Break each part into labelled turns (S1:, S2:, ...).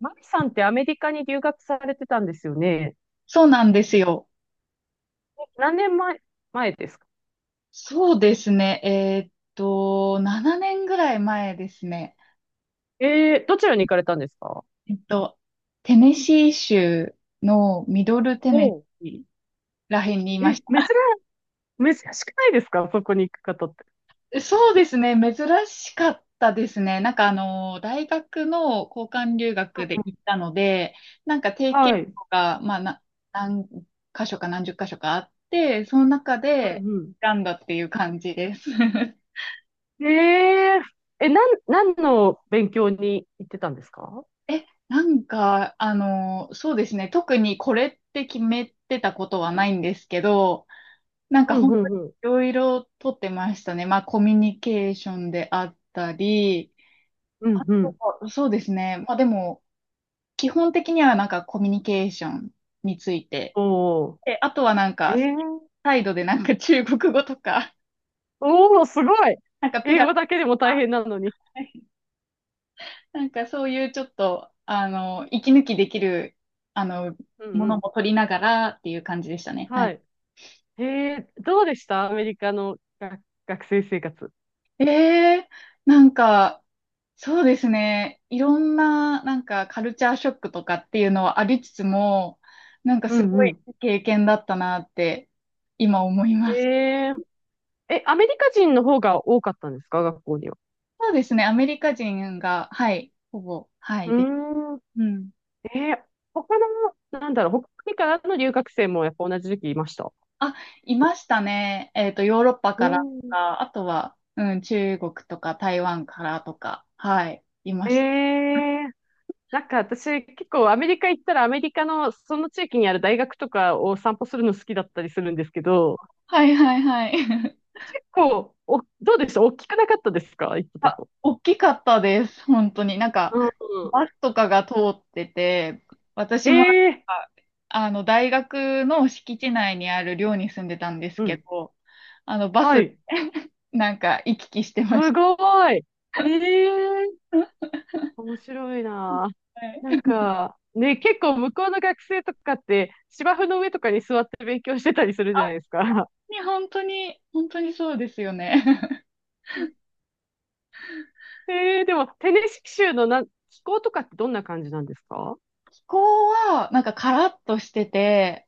S1: マキさんってアメリカに留学されてたんですよね。
S2: そうなんですよ。
S1: 何年前ですか？
S2: そうですね。7年ぐらい前ですね。
S1: ええ、どちらに行かれたんですか？
S2: えっと、テネシー州のミドルテネ
S1: おう。
S2: シーらへんにいま
S1: え、
S2: し
S1: 珍しくないですか、そこに行く方って？
S2: た。そうですね。珍しかったですね。大学の交換留学で行ったので、なんか定期
S1: はい。
S2: とか、まあ、な、何箇所か何十箇所かあって、その中
S1: う
S2: で
S1: ん
S2: 選んだっていう感じです。
S1: うん。えー、え、なん、何の勉強に行ってたんですか？
S2: え、なんか、あの、そうですね。特にこれって決めてたことはないんですけど、なん
S1: う
S2: か
S1: ん
S2: 本
S1: う
S2: 当
S1: ん
S2: に
S1: うん。
S2: いろいろとってましたね。まあコミュニケーションであったり、
S1: う
S2: あ
S1: んう
S2: と
S1: ん。
S2: は、そうですね。まあでも、基本的にはなんかコミュニケーションについて。
S1: おー。
S2: で、あとはなん
S1: え
S2: か、
S1: え。
S2: サイドでなんか中国語とか、
S1: おー、すごい。
S2: なんかピ
S1: 英
S2: ラ、
S1: 語だけでも大変なのに。
S2: なんかそういうちょっと、息抜きできる、あの、
S1: うん
S2: も
S1: う
S2: の
S1: ん。
S2: も取りながらっていう感じでしたね。は
S1: は
S2: い。
S1: い。えどうでしたアメリカの学生生活？
S2: ええ、なんか、そうですね。いろんな、なんか、カルチャーショックとかっていうのはありつつも、なんか
S1: う
S2: す
S1: ん
S2: ご
S1: う
S2: い
S1: ん。
S2: 経験だったなって、今思い
S1: え
S2: ます。
S1: ええ、アメリカ人の方が多かったんですか、学校には？
S2: そうですね。アメリカ人が、はい、ほぼ、は
S1: う
S2: い、です。
S1: ーん。
S2: うん。
S1: えー他の、なんだろう、北国からの留学生もやっぱ同じ時期いました？
S2: あ、いましたね。ヨーロッパ
S1: う
S2: からと
S1: ん。
S2: か、あとは、うん、中国とか台湾からとか、はい、いま
S1: え
S2: した。
S1: えなんか私結構アメリカ行ったらアメリカのその地域にある大学とかを散歩するの好きだったりするんですけど、
S2: はいはいはい。
S1: 結構、どうでした、大きくなかったですか、行ったと
S2: あ、
S1: こ？
S2: 大きかったです。本当に。なんか、
S1: うんうん。
S2: バスとかが通ってて、私
S1: え
S2: もなん
S1: え、
S2: か、大学の敷地内にある寮に住んでたんです
S1: う
S2: け
S1: ん。
S2: ど、バ
S1: は
S2: スで
S1: い。
S2: なんか行き来してまし
S1: す
S2: た。
S1: ごい。ええ面白いな。
S2: は
S1: なん
S2: い。
S1: か、ね、結構向こうの学生とかって、芝生の上とかに座って勉強してたりするじゃないですか。
S2: に本当に、本当にそうですよね。
S1: でも、テネシキ州の気候とかってどんな感じなんですか？
S2: 気候は、なんかカラッとしてて、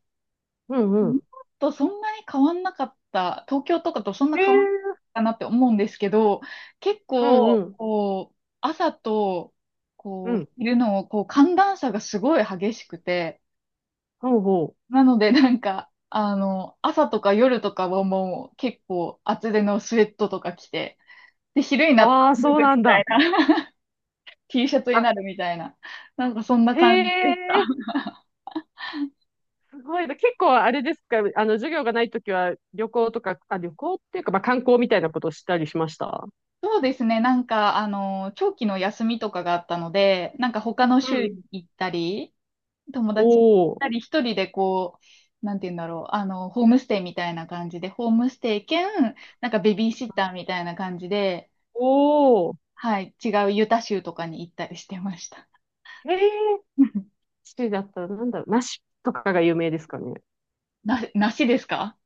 S1: うんう
S2: 日
S1: ん。
S2: 本とそんなに変わんなかった、東京とかとそん
S1: へ
S2: な変わ
S1: え。
S2: んなかったなって思うんですけど、結
S1: うんう
S2: 構、
S1: ん。
S2: こう、朝と、
S1: う
S2: こう、
S1: ん。
S2: 昼の、こう、寒暖差がすごい激しくて、
S1: ほうほう。
S2: なので、なんか、朝とか夜とかはもう結構厚手のスウェットとか着て、で、昼になったら
S1: ああ、
S2: 脱
S1: そう
S2: ぐみ
S1: なん
S2: たい
S1: だ。
S2: な、T シャツに
S1: あ
S2: なるみたいな、なんかそんな
S1: へ
S2: 感じでした。
S1: え、すごいな。結構あれですか、あの、授業がないときは旅行とか、あ、旅行っていうか、まあ観光みたいなことをしたりしました？
S2: そうですね。なんか、長期の休みとかがあったので、なんか他の
S1: う
S2: 州
S1: ん。
S2: に行ったり、友
S1: お
S2: 達と行っ
S1: お。
S2: たり、一人でこう、なんて言うんだろう、ホームステイみたいな感じで、ホームステイ兼、なんかベビーシッターみたいな感じで、
S1: おお。
S2: はい、違うユタ州とかに行ったりしてました。
S1: へえ。シティだったらなんだろう、ナッシュとかが有名ですかね。
S2: な、梨ですか？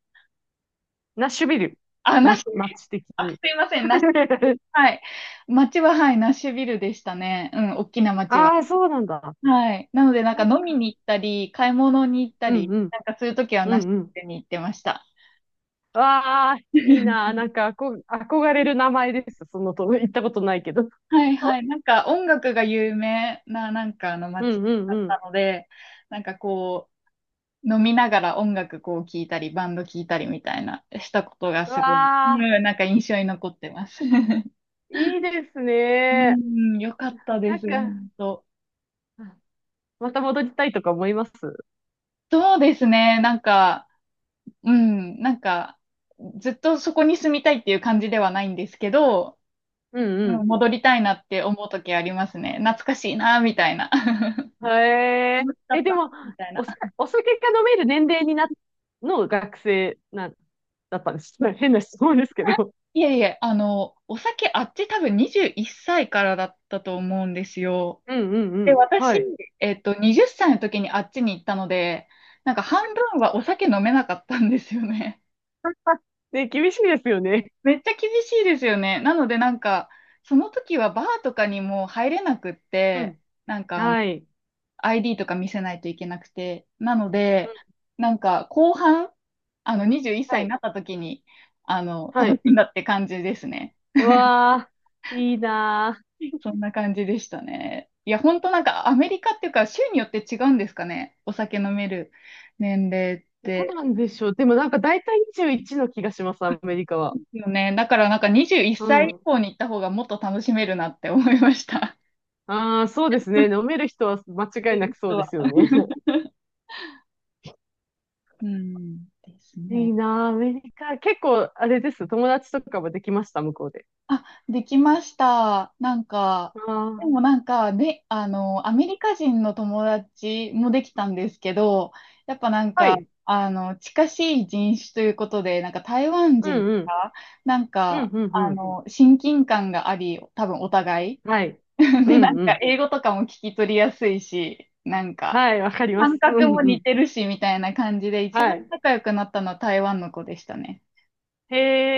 S1: ナッシュビル。
S2: あ、梨。
S1: ま、街的
S2: あ、
S1: に。
S2: すいません、梨。はい。町は、はい、ナッシュビルでしたね。うん、大きな町は。
S1: ああ、そうなんだ。
S2: はい。なので、なん
S1: な
S2: か
S1: ん
S2: 飲
S1: か、
S2: みに行ったり、買い物に行った
S1: うん
S2: り、
S1: うん、
S2: なんかそういう時は
S1: う
S2: なし
S1: んうん。
S2: に行ってました。
S1: わあ、いいな。なんか、憧れる名前です。そのと、行ったことないけど。
S2: はいは い。なんか音楽が有名な、なんかあの
S1: う
S2: 街
S1: んうん
S2: だ
S1: う
S2: っ
S1: ん。
S2: たので、なんかこう、飲みながら音楽こう聴いたり、バンド聴いたりみたいな、したことが
S1: う
S2: すごい、う
S1: わあ、
S2: ん、なんか印象に残ってます。
S1: いいです
S2: う
S1: ね。
S2: ん、よかった
S1: な
S2: で
S1: ん
S2: す、
S1: か、
S2: 本当。
S1: あまた戻りたいとか思います？
S2: そうですね、なんか、うん、なんか、ずっとそこに住みたいっていう感じではないんですけど、
S1: う
S2: うん、
S1: ん
S2: 戻りたいなって思う時ありますね。懐かしいな、みたいな。
S1: うん。へえ。
S2: 楽しかっ
S1: で
S2: たな、
S1: も、
S2: みたい
S1: お、
S2: な。
S1: お酒が飲める年齢にな、の学生な、だったんです？変な質問ですけど。
S2: いえいえ、お酒あっち多分21歳からだったと思うんですよ。
S1: うんうんう
S2: で、
S1: ん。は
S2: 私、
S1: い。
S2: 20歳の時にあっちに行ったので、なんか半分はお酒飲めなかったんですよね。
S1: ね、厳しいですよね。
S2: めっちゃ厳しいですよね。なのでなんか、その時はバーとかにも入れなくっ
S1: う
S2: て、
S1: ん。はい。
S2: ID とか見せないといけなくて。なの
S1: う
S2: で、
S1: ん。
S2: なんか後半、あの21
S1: は
S2: 歳に
S1: い。
S2: なった時に、あの、
S1: は
S2: 楽
S1: い。
S2: しんだって感じですね。
S1: うわー、いいな
S2: そんな感じでしたね。いや、ほんとなんかアメリカっていうか州によって違うんですかね。お酒飲める年齢っ
S1: ー。どう
S2: て。
S1: なんでしょう。でもなんか大体21の気がします、アメリカ
S2: で
S1: は。
S2: すよね。だからなんか21
S1: う
S2: 歳以
S1: ん。
S2: 降に行った方がもっと楽しめるなって思いました。
S1: ああ、そうですね。飲める人は間違
S2: 出
S1: いな
S2: る
S1: くそう
S2: 人
S1: で
S2: は。
S1: すよね。
S2: うん、です
S1: いい
S2: ね。
S1: なー、アメリカ。結構、あれです。友達とかもできました、向こうで？
S2: あ、できました。なんか、で
S1: あ
S2: もなんか、ね、アメリカ人の友達もできたんですけど、やっぱなん
S1: あ、は
S2: か、
S1: い。
S2: 近しい人種ということで、なんか台湾
S1: う
S2: 人
S1: んうん。
S2: が、なん
S1: うん
S2: か、
S1: うんうん。
S2: 親近感があり、多分お互い。
S1: はい。う
S2: で、な
S1: ん
S2: ん
S1: う
S2: か、
S1: ん。
S2: 英語とかも聞き取りやすいし、なんか、
S1: はい、わかりま
S2: 感
S1: す。う
S2: 覚
S1: ん
S2: も
S1: う
S2: 似
S1: ん。
S2: てるし、みたいな感じで、一
S1: は
S2: 番
S1: い。
S2: 仲良くなったのは台湾の子でしたね。
S1: へ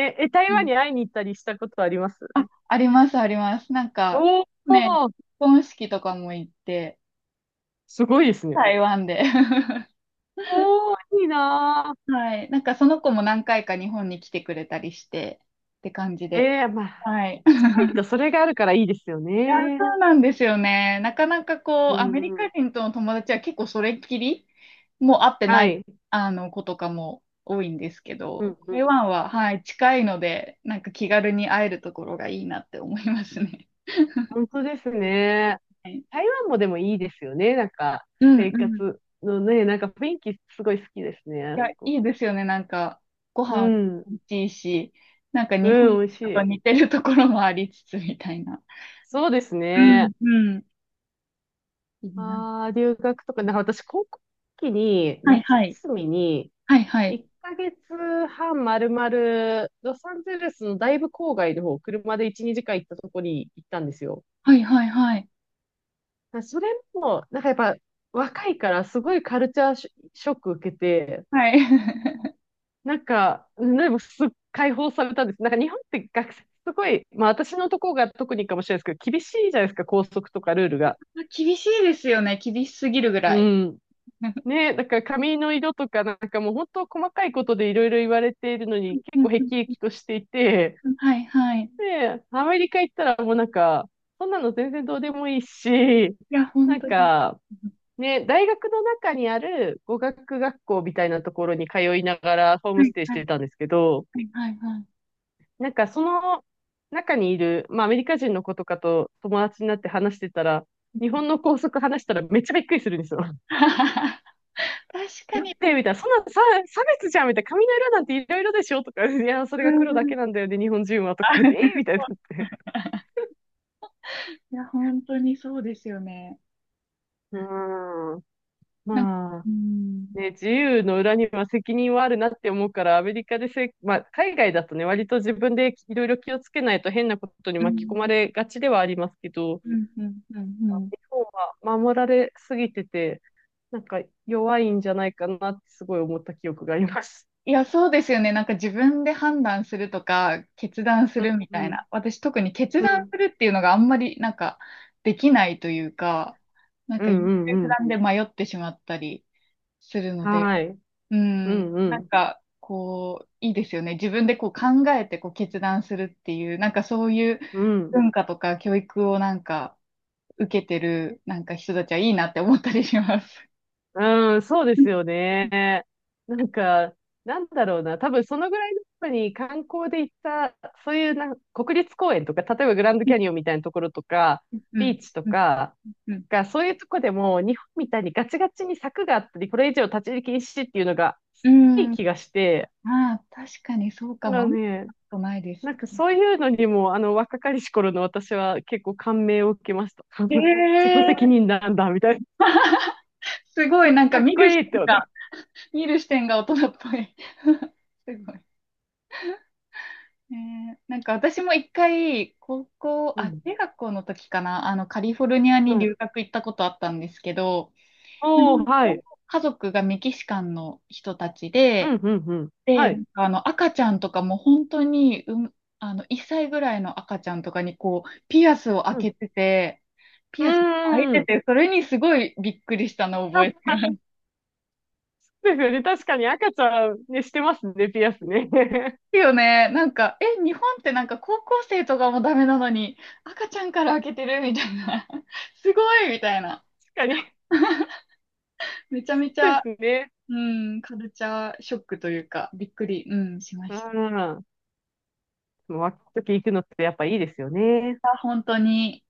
S1: え、台湾に会いに行ったりしたことあります？
S2: あります、あります。なんか、
S1: お
S2: ね、結
S1: おー、
S2: 婚式とかも行って、
S1: すごいですね。
S2: 台湾で。
S1: おお、いいな
S2: はい。なんかその子も何回か日本に来てくれたりして、って感じ
S1: ー。え
S2: で。
S1: え、まあ、
S2: はい。
S1: タイとそれがあるからいいですよ
S2: いや、
S1: ね。
S2: そうなんですよね。なかなかこう、
S1: う
S2: ア
S1: ん
S2: メリ
S1: う
S2: カ
S1: ん。
S2: 人との友達は結構それっきり、もう会ってな
S1: は
S2: い、
S1: い。
S2: あの、子とかも多いんですけ
S1: う
S2: ど、
S1: んう
S2: 台
S1: ん。
S2: 湾は、はい、近いので、なんか気軽に会えるところがいいなって思いますね。
S1: 本当ですね。
S2: はい。
S1: 台湾もでもいいですよね。なんか、
S2: うん
S1: 生
S2: うん。
S1: 活のね、なんか雰囲気すごい好きですね、
S2: い
S1: あ
S2: や、
S1: そ
S2: い
S1: こ。
S2: いですよね。なんか、ご
S1: う
S2: 飯
S1: ん。
S2: 美味しいし、なんか
S1: う
S2: 日本
S1: ん、美味し
S2: と
S1: い。
S2: 似てるところもありつつみたいな。
S1: そうです
S2: う
S1: ね。
S2: ん、うん。いいな。
S1: ああ、留学とか、なんか私、高校の時に、
S2: はい、
S1: 夏
S2: はい。
S1: 休みに、
S2: はい、はい。
S1: 1ヶ月半まるまる、ロサンゼルスのだいぶ郊外の方、車で1、2時間行ったとこに行ったんですよ。
S2: はい、はい、はい。
S1: それも、なんかやっぱ若いからすごいカルチャーショック受けて、
S2: はい。
S1: なんか、でも解放されたんです。なんか日本って学生、すごい、まあ私のとこが特にかもしれないですけど、厳しいじゃないですか、校則とかルールが。
S2: 厳しいですよね。厳しすぎるぐら
S1: う
S2: い。
S1: ん。ね、だから髪の色とかなんかもう本当細かいことでいろいろ言われているのに結
S2: うん
S1: 構辟
S2: うん
S1: 易としていて、
S2: うんはい、はい。い
S1: で、アメリカ行ったらもうなんか、そんなの全然どうでもいいし、
S2: や、
S1: な
S2: 本
S1: ん
S2: 当に。
S1: か、ね、大学の中にある語学学校みたいなところに通いながらホー
S2: は
S1: ムス
S2: い、
S1: テイし
S2: はい、
S1: てたんですけど、
S2: はい、はい。はい
S1: なんかその中にいる、まあアメリカ人の子とかと友達になって話してたら、日本の校則話したらめっちゃびっくりするんですよ。
S2: 確か
S1: だって、
S2: に。
S1: みたいな、そんなさ差別じゃんみたいな、髪の色なんていろいろでしょとか、いや、それ
S2: う
S1: が黒だ
S2: ん。
S1: けなんだよね、日本人はとかで、えーみたいになっ て。
S2: いや、本当にそうですよね。
S1: うーん。
S2: なんか、
S1: まあ、
S2: うん。
S1: ね、自由の裏には責任はあるなって思うから、アメリカでまあ、海外だとね、割と自分でいろいろ気をつけないと変なことに
S2: う
S1: 巻き込ま
S2: ん、
S1: れがちではありますけど、
S2: うん、うん、うん。うん。
S1: 日本は守られすぎてて、なんか弱いんじゃないかなってすごい思った記憶があります。
S2: いや、そうですよね。なんか自分で判断するとか、決断す
S1: うん、
S2: るみ
S1: う
S2: たい
S1: ん、
S2: な。私特に決
S1: う
S2: 断
S1: ん、
S2: するっていうのがあんまりなんかできないというか、なん
S1: う
S2: か優
S1: ん、
S2: 柔
S1: うん、
S2: 不
S1: うん
S2: 断で迷ってしまったりするので、
S1: はい、
S2: う
S1: う
S2: ん、
S1: ん、う
S2: なん
S1: ん、
S2: かこう、いいですよね。自分でこう考えてこう決断するっていう、なんかそういう
S1: うん。
S2: 文化とか教育をなんか受けてるなんか人たちはいいなって思ったりします。
S1: うん、そうですよね。なんか、なんだろうな。多分そのぐらいの時に観光で行った、そういう国立公園とか、例えばグランドキャニオンみたいなところとか、
S2: う
S1: ビ
S2: ん、
S1: ーチと
S2: うん、
S1: か
S2: うん。
S1: が、そういうとこでも日本みたいにガチガチに柵があったり、これ以上立ち入り禁止っていうのが
S2: う
S1: いい
S2: ん。あ
S1: 気がして、
S2: あ、確かにそう
S1: だ
S2: か
S1: か
S2: も。あ
S1: ら
S2: んまり
S1: ね、
S2: ことないです。
S1: なんかそういうのにも、あの若かりし頃の私は結構感銘を受けました。自己
S2: え
S1: 責
S2: え。
S1: 任なんだ、みたいな。
S2: すごい、なんか
S1: かっ
S2: 見
S1: こ
S2: る
S1: い
S2: 視
S1: いって
S2: 点
S1: 思って。
S2: が、見る視点が大人っぽい。すごい。ええ、なんか私も一回、高校、
S1: う
S2: あ、
S1: ん。
S2: 中学校の時かな、カリフォルニアに
S1: はい。
S2: 留学行ったことあったんですけど、
S1: おー、はい。
S2: 家族がメキシカンの人たち
S1: うん、
S2: で、
S1: うん、うん。
S2: で、
S1: は
S2: な
S1: い。
S2: んかあの赤ちゃんとかも本当に、うん、あの1歳ぐらいの赤ちゃんとかにこうピアスを開
S1: う
S2: け
S1: ん。
S2: てて、
S1: う
S2: ピアスが開い
S1: ー
S2: て
S1: ん。
S2: て、それにすごいびっくりしたのを
S1: あ、
S2: 覚えて
S1: あ そうですよね。確かに赤ちゃんね、してますね、ピアスね。
S2: るよね。なんか、え、日本ってなんか高校生とかもダメなのに、赤ちゃんから開けてるみたいな。すごいみたいな。
S1: 確かに。
S2: めちゃめち
S1: そうで
S2: ゃ、
S1: すね。
S2: うん、カルチャーショックというか、びっくり、うん、しま
S1: う
S2: した。
S1: ん。若い時行くのってやっぱいいですよね。
S2: 本当に。